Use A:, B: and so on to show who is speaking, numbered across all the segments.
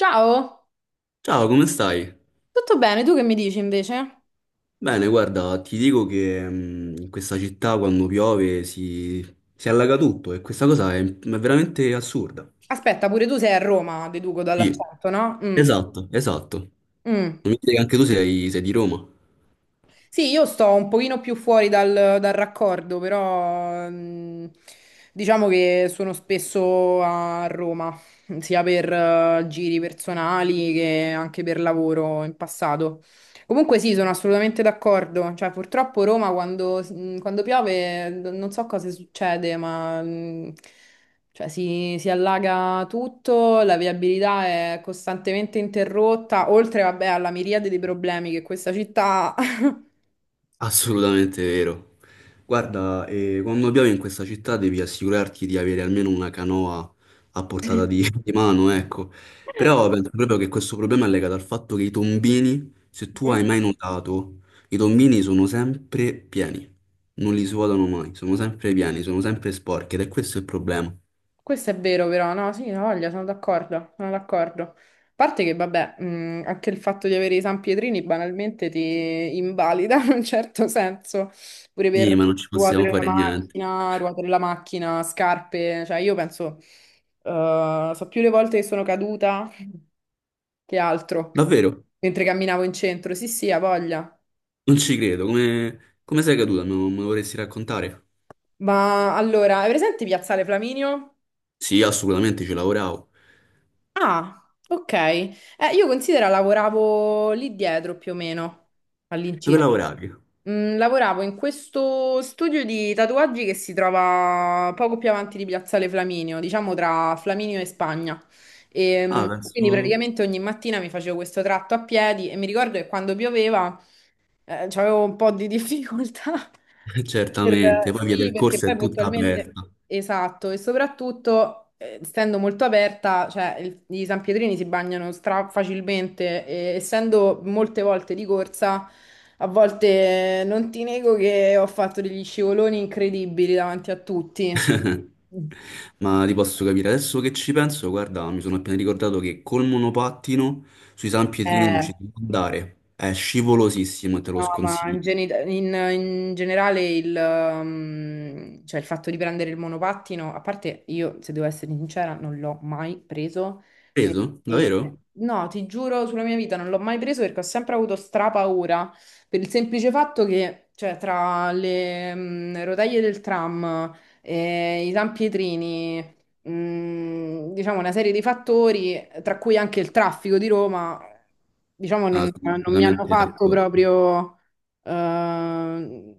A: Ciao,
B: Ciao, come stai?
A: tutto bene? Tu che mi dici invece?
B: Bene, guarda, ti dico che in questa città quando piove si allaga tutto e questa cosa è veramente assurda.
A: Aspetta, pure tu sei a Roma, deduco
B: Sì,
A: dall'accento, no? Mm,
B: esatto, esatto. Non
A: mm.
B: mi dire che anche tu sei di Roma.
A: Sì, io sto un pochino più fuori dal raccordo, però diciamo che sono spesso a Roma, sia per giri personali che anche per lavoro in passato. Comunque sì, sono assolutamente d'accordo. Cioè, purtroppo Roma quando piove non so cosa succede, ma cioè, si allaga tutto, la viabilità è costantemente interrotta, oltre, vabbè, alla miriade di problemi che questa città ha.
B: Assolutamente vero. Guarda, quando piove in questa città devi assicurarti di avere almeno una canoa a portata
A: Mm.
B: di mano, ecco. Però penso proprio che questo problema è legato al fatto che i tombini, se tu hai mai notato, i tombini sono sempre pieni, non li svuotano mai, sono sempre pieni, sono sempre sporchi ed è questo il problema.
A: Questo è vero, però, no, sì, no, voglia, sono d'accordo, sono d'accordo. A parte che, vabbè, anche il fatto di avere i San Pietrini banalmente ti invalida in un certo senso, pure
B: Sì,
A: per
B: ma non ci possiamo fare niente.
A: ruote della macchina, scarpe, cioè io penso, so più le volte che sono caduta che altro,
B: Davvero,
A: mentre camminavo in centro, sì, sì, ha voglia.
B: non ci credo. Come, come sei caduta? Me lo vorresti raccontare?
A: Ma allora, hai presente Piazzale Flaminio?
B: Sì, assolutamente, ci lavoravo.
A: Ah, ok. Io considero lavoravo lì dietro più o meno,
B: Dove
A: all'incirca.
B: lavoravi?
A: Lavoravo in questo studio di tatuaggi che si trova poco più avanti di Piazzale Flaminio, diciamo tra Flaminio e Spagna. E,
B: Ah,
A: quindi
B: penso...
A: praticamente ogni mattina mi facevo questo tratto a piedi e mi ricordo che quando pioveva c'avevo un po' di difficoltà. Per-
B: Certamente, poi via
A: sì,
B: del
A: perché
B: corso è
A: poi
B: tutta
A: puntualmente...
B: aperta.
A: Esatto, e soprattutto, essendo molto aperta, cioè, i San Pietrini si bagnano stra facilmente e essendo molte volte di corsa, a volte non ti nego che ho fatto degli scivoloni incredibili davanti a tutti.
B: Ma ti posso capire, adesso che ci penso, guarda, mi sono appena ricordato che col monopattino sui San Pietrini non
A: Eh,
B: ci si può andare. È scivolosissimo e te lo
A: No, ma
B: sconsiglio.
A: in generale il, cioè il fatto di prendere il monopattino, a parte io, se devo essere sincera, non l'ho mai preso
B: Preso?
A: perché,
B: Davvero?
A: no, ti giuro sulla mia vita, non l'ho mai preso perché ho sempre avuto strapaura per il semplice fatto che, cioè, tra le rotaie del tram, i sanpietrini, diciamo, una serie di fattori, tra cui anche il traffico di Roma, diciamo,
B: Ah,
A: non,
B: sono
A: non mi hanno
B: completamente
A: fatto
B: d'accordo.
A: proprio, eh,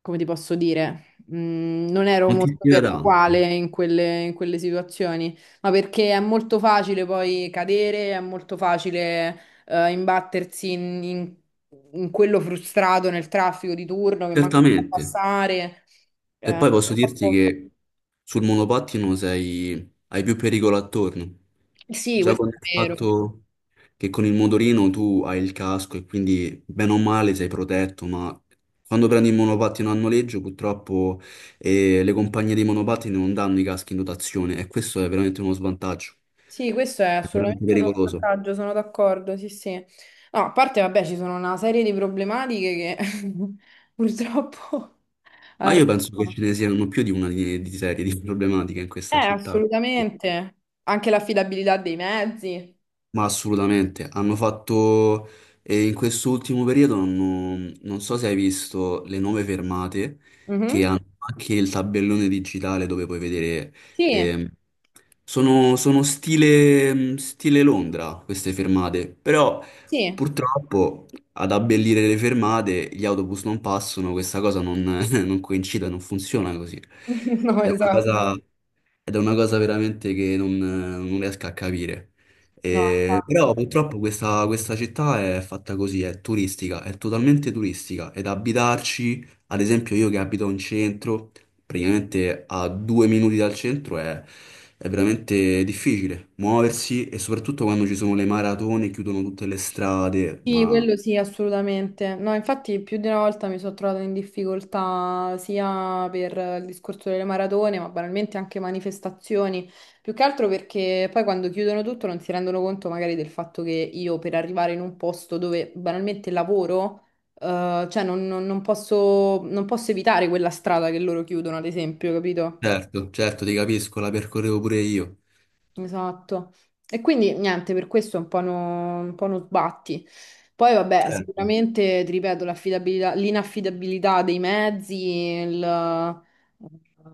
A: come ti posso dire, non ero
B: Non ti
A: molto
B: ispira
A: per la quale
B: tanto,
A: in quelle situazioni, ma perché è molto facile poi cadere, è molto facile, imbattersi in, in quello frustrato nel traffico di turno che manca di
B: certamente.
A: passare.
B: E
A: Eh,
B: poi posso dirti
A: purtroppo-
B: che sul monopattino sei... hai più pericolo attorno.
A: sì,
B: Già
A: questo
B: con il
A: è vero.
B: fatto che con il motorino tu hai il casco e quindi bene o male sei protetto, ma quando prendi il monopattino a noleggio purtroppo le compagnie di monopattini non danno i caschi in dotazione e questo è veramente uno svantaggio,
A: Sì, questo è
B: è veramente
A: assolutamente uno
B: pericoloso.
A: svantaggio, sono d'accordo, sì, sì. No, a parte, vabbè, ci sono una serie di problematiche che purtroppo
B: Ma io penso che
A: arrivano.
B: ce ne siano più di una di serie di problematiche in
A: Eh,
B: questa città.
A: assolutamente. Anche l'affidabilità dei mezzi.
B: Ma assolutamente, hanno fatto e in quest'ultimo periodo hanno non so se hai visto le nuove fermate che
A: Mhm.
B: Mm. hanno anche il tabellone digitale dove puoi vedere
A: Sì,
B: ehm, sono stile, stile Londra queste fermate, però
A: sì.
B: purtroppo ad abbellire le fermate gli autobus non passano, questa cosa non, non coincide, non funziona così.
A: No,
B: Ed è una
A: esatto.
B: cosa ed è una cosa veramente che non, non riesco a capire.
A: No,
B: Però
A: esatto.
B: purtroppo questa città è fatta così, è turistica, è totalmente turistica. Ed abitarci, ad esempio io che abito in centro, praticamente a due minuti dal centro è veramente difficile muoversi e soprattutto quando ci sono le maratone, chiudono tutte le strade.
A: Sì,
B: Ma
A: quello sì, assolutamente. No, infatti più di una volta mi sono trovata in difficoltà sia per il discorso delle maratone, ma banalmente anche manifestazioni, più che altro perché poi quando chiudono tutto non si rendono conto magari del fatto che io per arrivare in un posto dove banalmente lavoro, cioè non posso non posso evitare quella strada che loro chiudono, ad esempio, capito?
B: certo, certo, ti capisco, la percorrevo pure io.
A: Esatto. E quindi niente, per questo è un po' un po' uno sbatti. Poi vabbè,
B: Certo,
A: sicuramente, ti ripeto, l'affidabilità, l'inaffidabilità dei mezzi, il,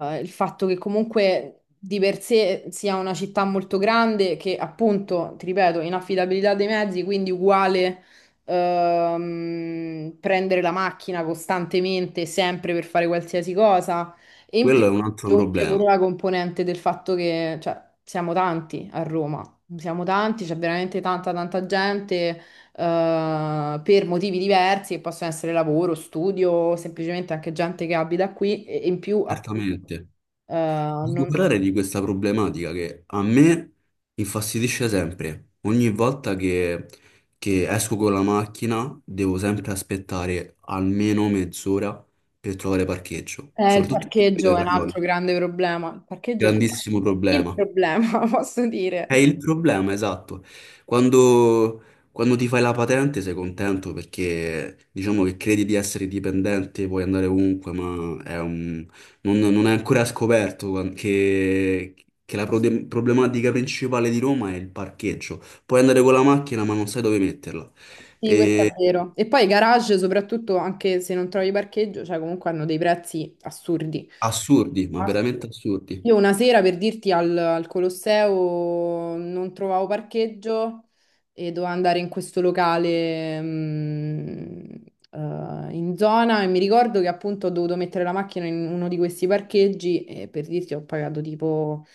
A: il fatto che comunque di per sé sia una città molto grande, che appunto, ti ripeto, inaffidabilità dei mezzi, quindi uguale prendere la macchina costantemente, sempre per fare qualsiasi cosa. E in più
B: quello è un altro
A: aggiunge
B: problema,
A: pure la componente del fatto che, cioè, siamo tanti a Roma, siamo tanti, c'è veramente tanta tanta gente per motivi diversi che possono essere lavoro, studio, semplicemente anche gente che abita qui e in più appunto
B: certamente.
A: eh,
B: Voglio
A: non-
B: parlare di questa problematica che a me infastidisce sempre. Che esco con la macchina devo sempre aspettare almeno mezz'ora per trovare parcheggio,
A: il
B: soprattutto in Capitale
A: parcheggio è un
B: Parioli.
A: altro grande problema. Il parcheggio è
B: Grandissimo
A: veramente il
B: problema.
A: problema, posso dire.
B: È il problema, esatto. Quando, quando ti fai la patente sei contento perché diciamo che credi di essere dipendente, puoi andare ovunque, ma è un non, non è ancora scoperto quan- che la prode- problematica principale di Roma è il parcheggio. Puoi andare con la macchina, ma non sai dove metterla.
A: Sì, questo è
B: E-
A: vero. E poi i garage, soprattutto anche se non trovi parcheggio, cioè comunque hanno dei prezzi assurdi.
B: assurdi, ma
A: Ah, sì.
B: veramente assurdi.
A: Io una sera per dirti al Colosseo non trovavo parcheggio e dovevo andare in questo locale in zona e mi ricordo che appunto ho dovuto mettere la macchina in uno di questi parcheggi e per dirti ho pagato tipo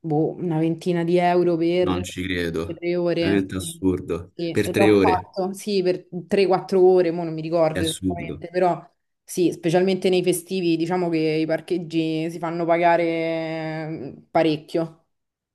A: boh, una ventina di euro
B: Non
A: per
B: ci credo.
A: 3 ore.
B: Veramente
A: Sì,
B: assurdo.
A: sì,
B: Per
A: e
B: tre
A: l'ho
B: ore
A: fatto, sì, per 3-4 ore, mo non mi
B: è
A: ricordo
B: assurdo.
A: esattamente, però sì, specialmente nei festivi, diciamo che i parcheggi si fanno pagare parecchio.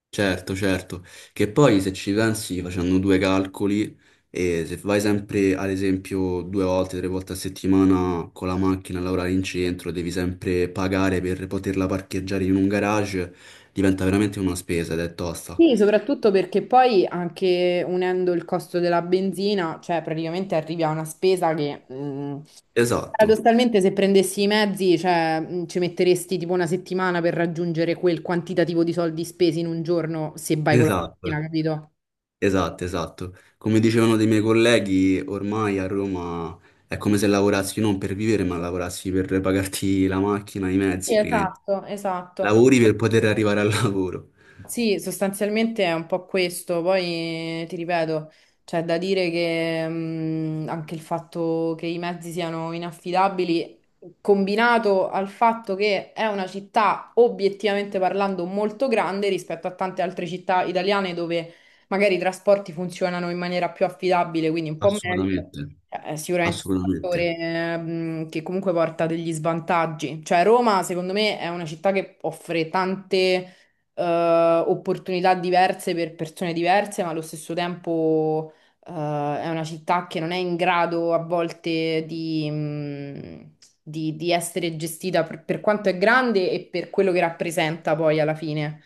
B: Certo, certo, che poi se ci pensi facendo due calcoli e se vai sempre ad esempio due volte, tre volte a settimana con la macchina a lavorare in centro, devi sempre pagare per poterla parcheggiare in un garage, diventa veramente una spesa ed è tosta.
A: Sì, soprattutto perché poi anche unendo il costo della benzina, cioè praticamente arrivi a una spesa che
B: Esatto,
A: paradossalmente se prendessi i mezzi, cioè, ci metteresti tipo una settimana per raggiungere quel quantitativo di soldi spesi in un giorno se vai con la
B: esatto,
A: macchina, capito?
B: esatto, esatto. Come dicevano dei miei colleghi, ormai a Roma è come se lavorassi non per vivere ma lavorassi per pagarti la macchina, i mezzi,
A: Sì,
B: praticamente.
A: esatto, esatto.
B: Lavori per poter arrivare al lavoro.
A: Sì, sostanzialmente è un po' questo, poi ti ripeto, c'è da dire che anche il fatto che i mezzi siano inaffidabili, combinato al fatto che è una città obiettivamente parlando molto grande rispetto a tante altre città italiane dove magari i trasporti funzionano in maniera più affidabile, quindi un po' meglio,
B: Assolutamente,
A: è sicuramente un
B: assolutamente.
A: fattore che comunque porta degli svantaggi. Cioè Roma, secondo me, è una città che offre tante opportunità diverse per persone diverse, ma allo stesso tempo, è una città che non è in grado a volte di, di essere gestita per quanto è grande e per quello che rappresenta poi alla fine.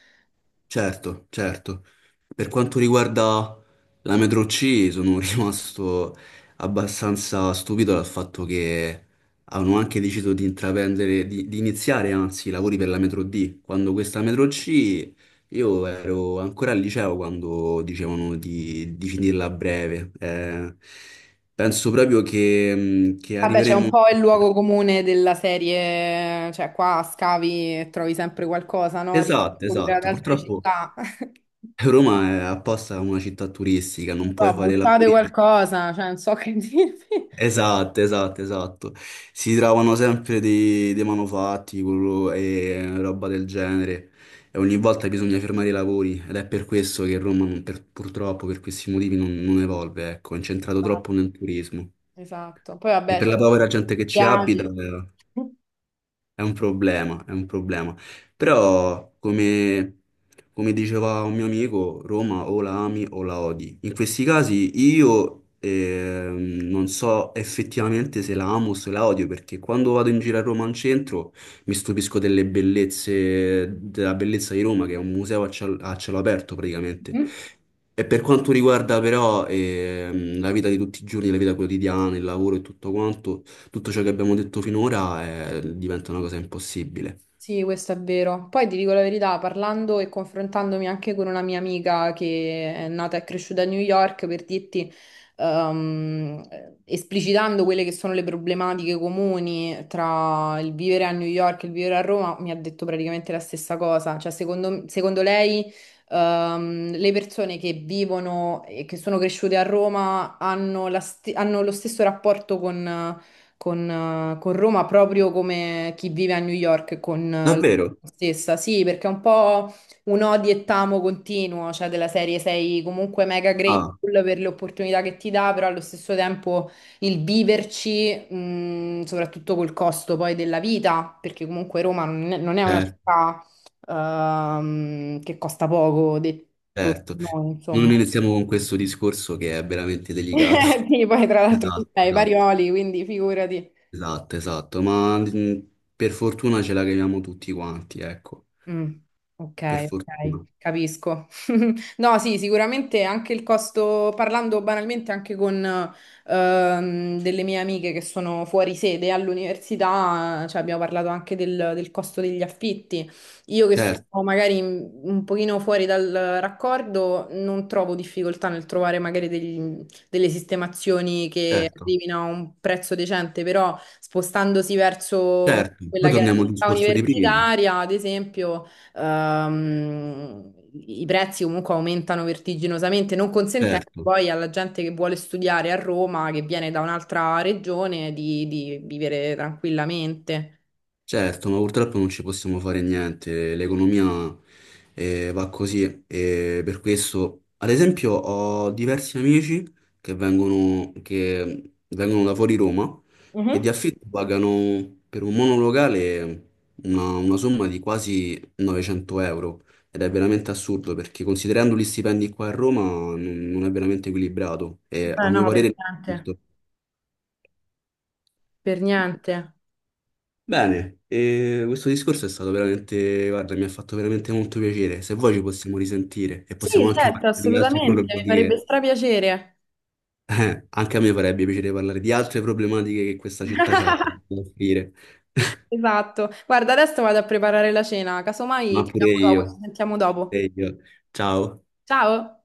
B: Certo, certo. Per quanto riguarda la Metro C, sono rimasto abbastanza stupito dal fatto che hanno anche deciso di intraprendere, di iniziare anzi i lavori per la Metro D. Quando questa Metro C, io ero ancora al liceo quando dicevano di finirla a breve. Penso proprio che, che
A: Vabbè, c'è un
B: arriveremo.
A: po' il luogo comune della serie, cioè qua scavi e trovi sempre qualcosa, no? Rispetto
B: Esatto,
A: pure ad
B: esatto.
A: altre
B: Purtroppo.
A: città.
B: Roma è apposta una città turistica,
A: Non
B: non
A: so,
B: puoi fare
A: buttate
B: lavori per...
A: qualcosa, cioè non so che dirvi.
B: Esatto, esatto, esatto. Si trovano sempre dei manufatti quello- e roba del genere. E ogni volta bisogna fermare i lavori ed è per questo che Roma, non- per- purtroppo, per questi motivi non, non evolve, ecco, è incentrato
A: No,
B: troppo nel turismo.
A: esatto. Poi
B: E
A: vabbè,
B: per
A: ci
B: la
A: sono
B: povera gente che
A: gli
B: ci abita,
A: schiavi.
B: è un problema, è un problema. Però, come, come diceva un mio amico, Roma o la ami o la odi. In questi casi io non so effettivamente se la amo o se la odio, perché quando vado in giro a Roma al centro mi stupisco delle bellezze, della bellezza di Roma, che è un museo a ciel- a cielo aperto praticamente.
A: Mm.
B: E per quanto riguarda però la vita di tutti i giorni, la vita quotidiana, il lavoro e tutto quanto, tutto ciò che abbiamo detto finora diventa una cosa impossibile.
A: Sì, questo è vero. Poi ti dico la verità, parlando e confrontandomi anche con una mia amica che è nata e cresciuta a New York, per dirti, ehm, esplicitando quelle che sono le problematiche comuni tra il vivere a New York e il vivere a Roma, mi ha detto praticamente la stessa cosa. Cioè, secondo lei, le persone che vivono e che sono cresciute a Roma hanno la hanno lo stesso rapporto con con Roma proprio come chi vive a New York con la
B: Davvero?
A: stessa. Sì, perché è un po' un odi e tamo continuo, cioè della serie sei comunque mega
B: Ah,
A: grateful per le opportunità che ti dà, però allo stesso tempo il viverci, soprattutto col costo poi della vita, perché comunque Roma non è una
B: certo,
A: città che costa poco, detto
B: certo.
A: da noi,
B: Non
A: insomma.
B: iniziamo con questo discorso che è veramente delicato.
A: Sì, poi tra l'altro tu
B: Esatto,
A: sei
B: esatto,
A: Barioli, quindi figurati.
B: esatto, esatto. Ma per fortuna ce la caviamo tutti quanti, ecco.
A: Mm, ok,
B: Per
A: ok,
B: fortuna.
A: capisco. No, sì, sicuramente anche il costo, parlando banalmente anche con delle mie amiche che sono fuori sede all'università, cioè abbiamo parlato anche del costo degli affitti. Io che sono
B: Certo,
A: magari un pochino fuori dal raccordo, non trovo difficoltà nel trovare magari delle sistemazioni che
B: certo,
A: arrivino a un prezzo decente, però spostandosi verso
B: certo. Poi
A: quella che è la
B: torniamo al
A: città
B: discorso di prima.
A: universitaria, ad esempio... I prezzi comunque aumentano vertiginosamente, non consentendo
B: Certo.
A: poi alla gente che vuole studiare a Roma, che viene da un'altra regione, di vivere tranquillamente.
B: Certo, ma purtroppo non ci possiamo fare niente, l'economia va così e per questo, ad esempio, ho diversi amici che vengono da fuori Roma e di
A: Mhm.
B: affitto pagano per un monolocale una somma di quasi 900 euro ed è veramente assurdo perché considerando gli stipendi qua a Roma non, non è veramente equilibrato e a
A: Eh,
B: mio
A: no, per
B: parere... è
A: niente.
B: giusto.
A: Per niente.
B: Bene, e questo discorso è stato veramente, guarda, mi ha fatto veramente molto piacere. Se vuoi ci possiamo risentire e possiamo
A: Sì,
B: anche
A: certo,
B: parlare di altre
A: assolutamente, mi farebbe
B: problematiche.
A: strapiacere.
B: Anche a me farebbe piacere parlare di altre problematiche che questa città ha da offrire.
A: Esatto. Guarda, adesso vado a preparare la cena, casomai
B: Ma
A: ti
B: pure
A: chiamo dopo, ci
B: io,
A: sentiamo dopo.
B: pure io. Ciao.
A: Ciao!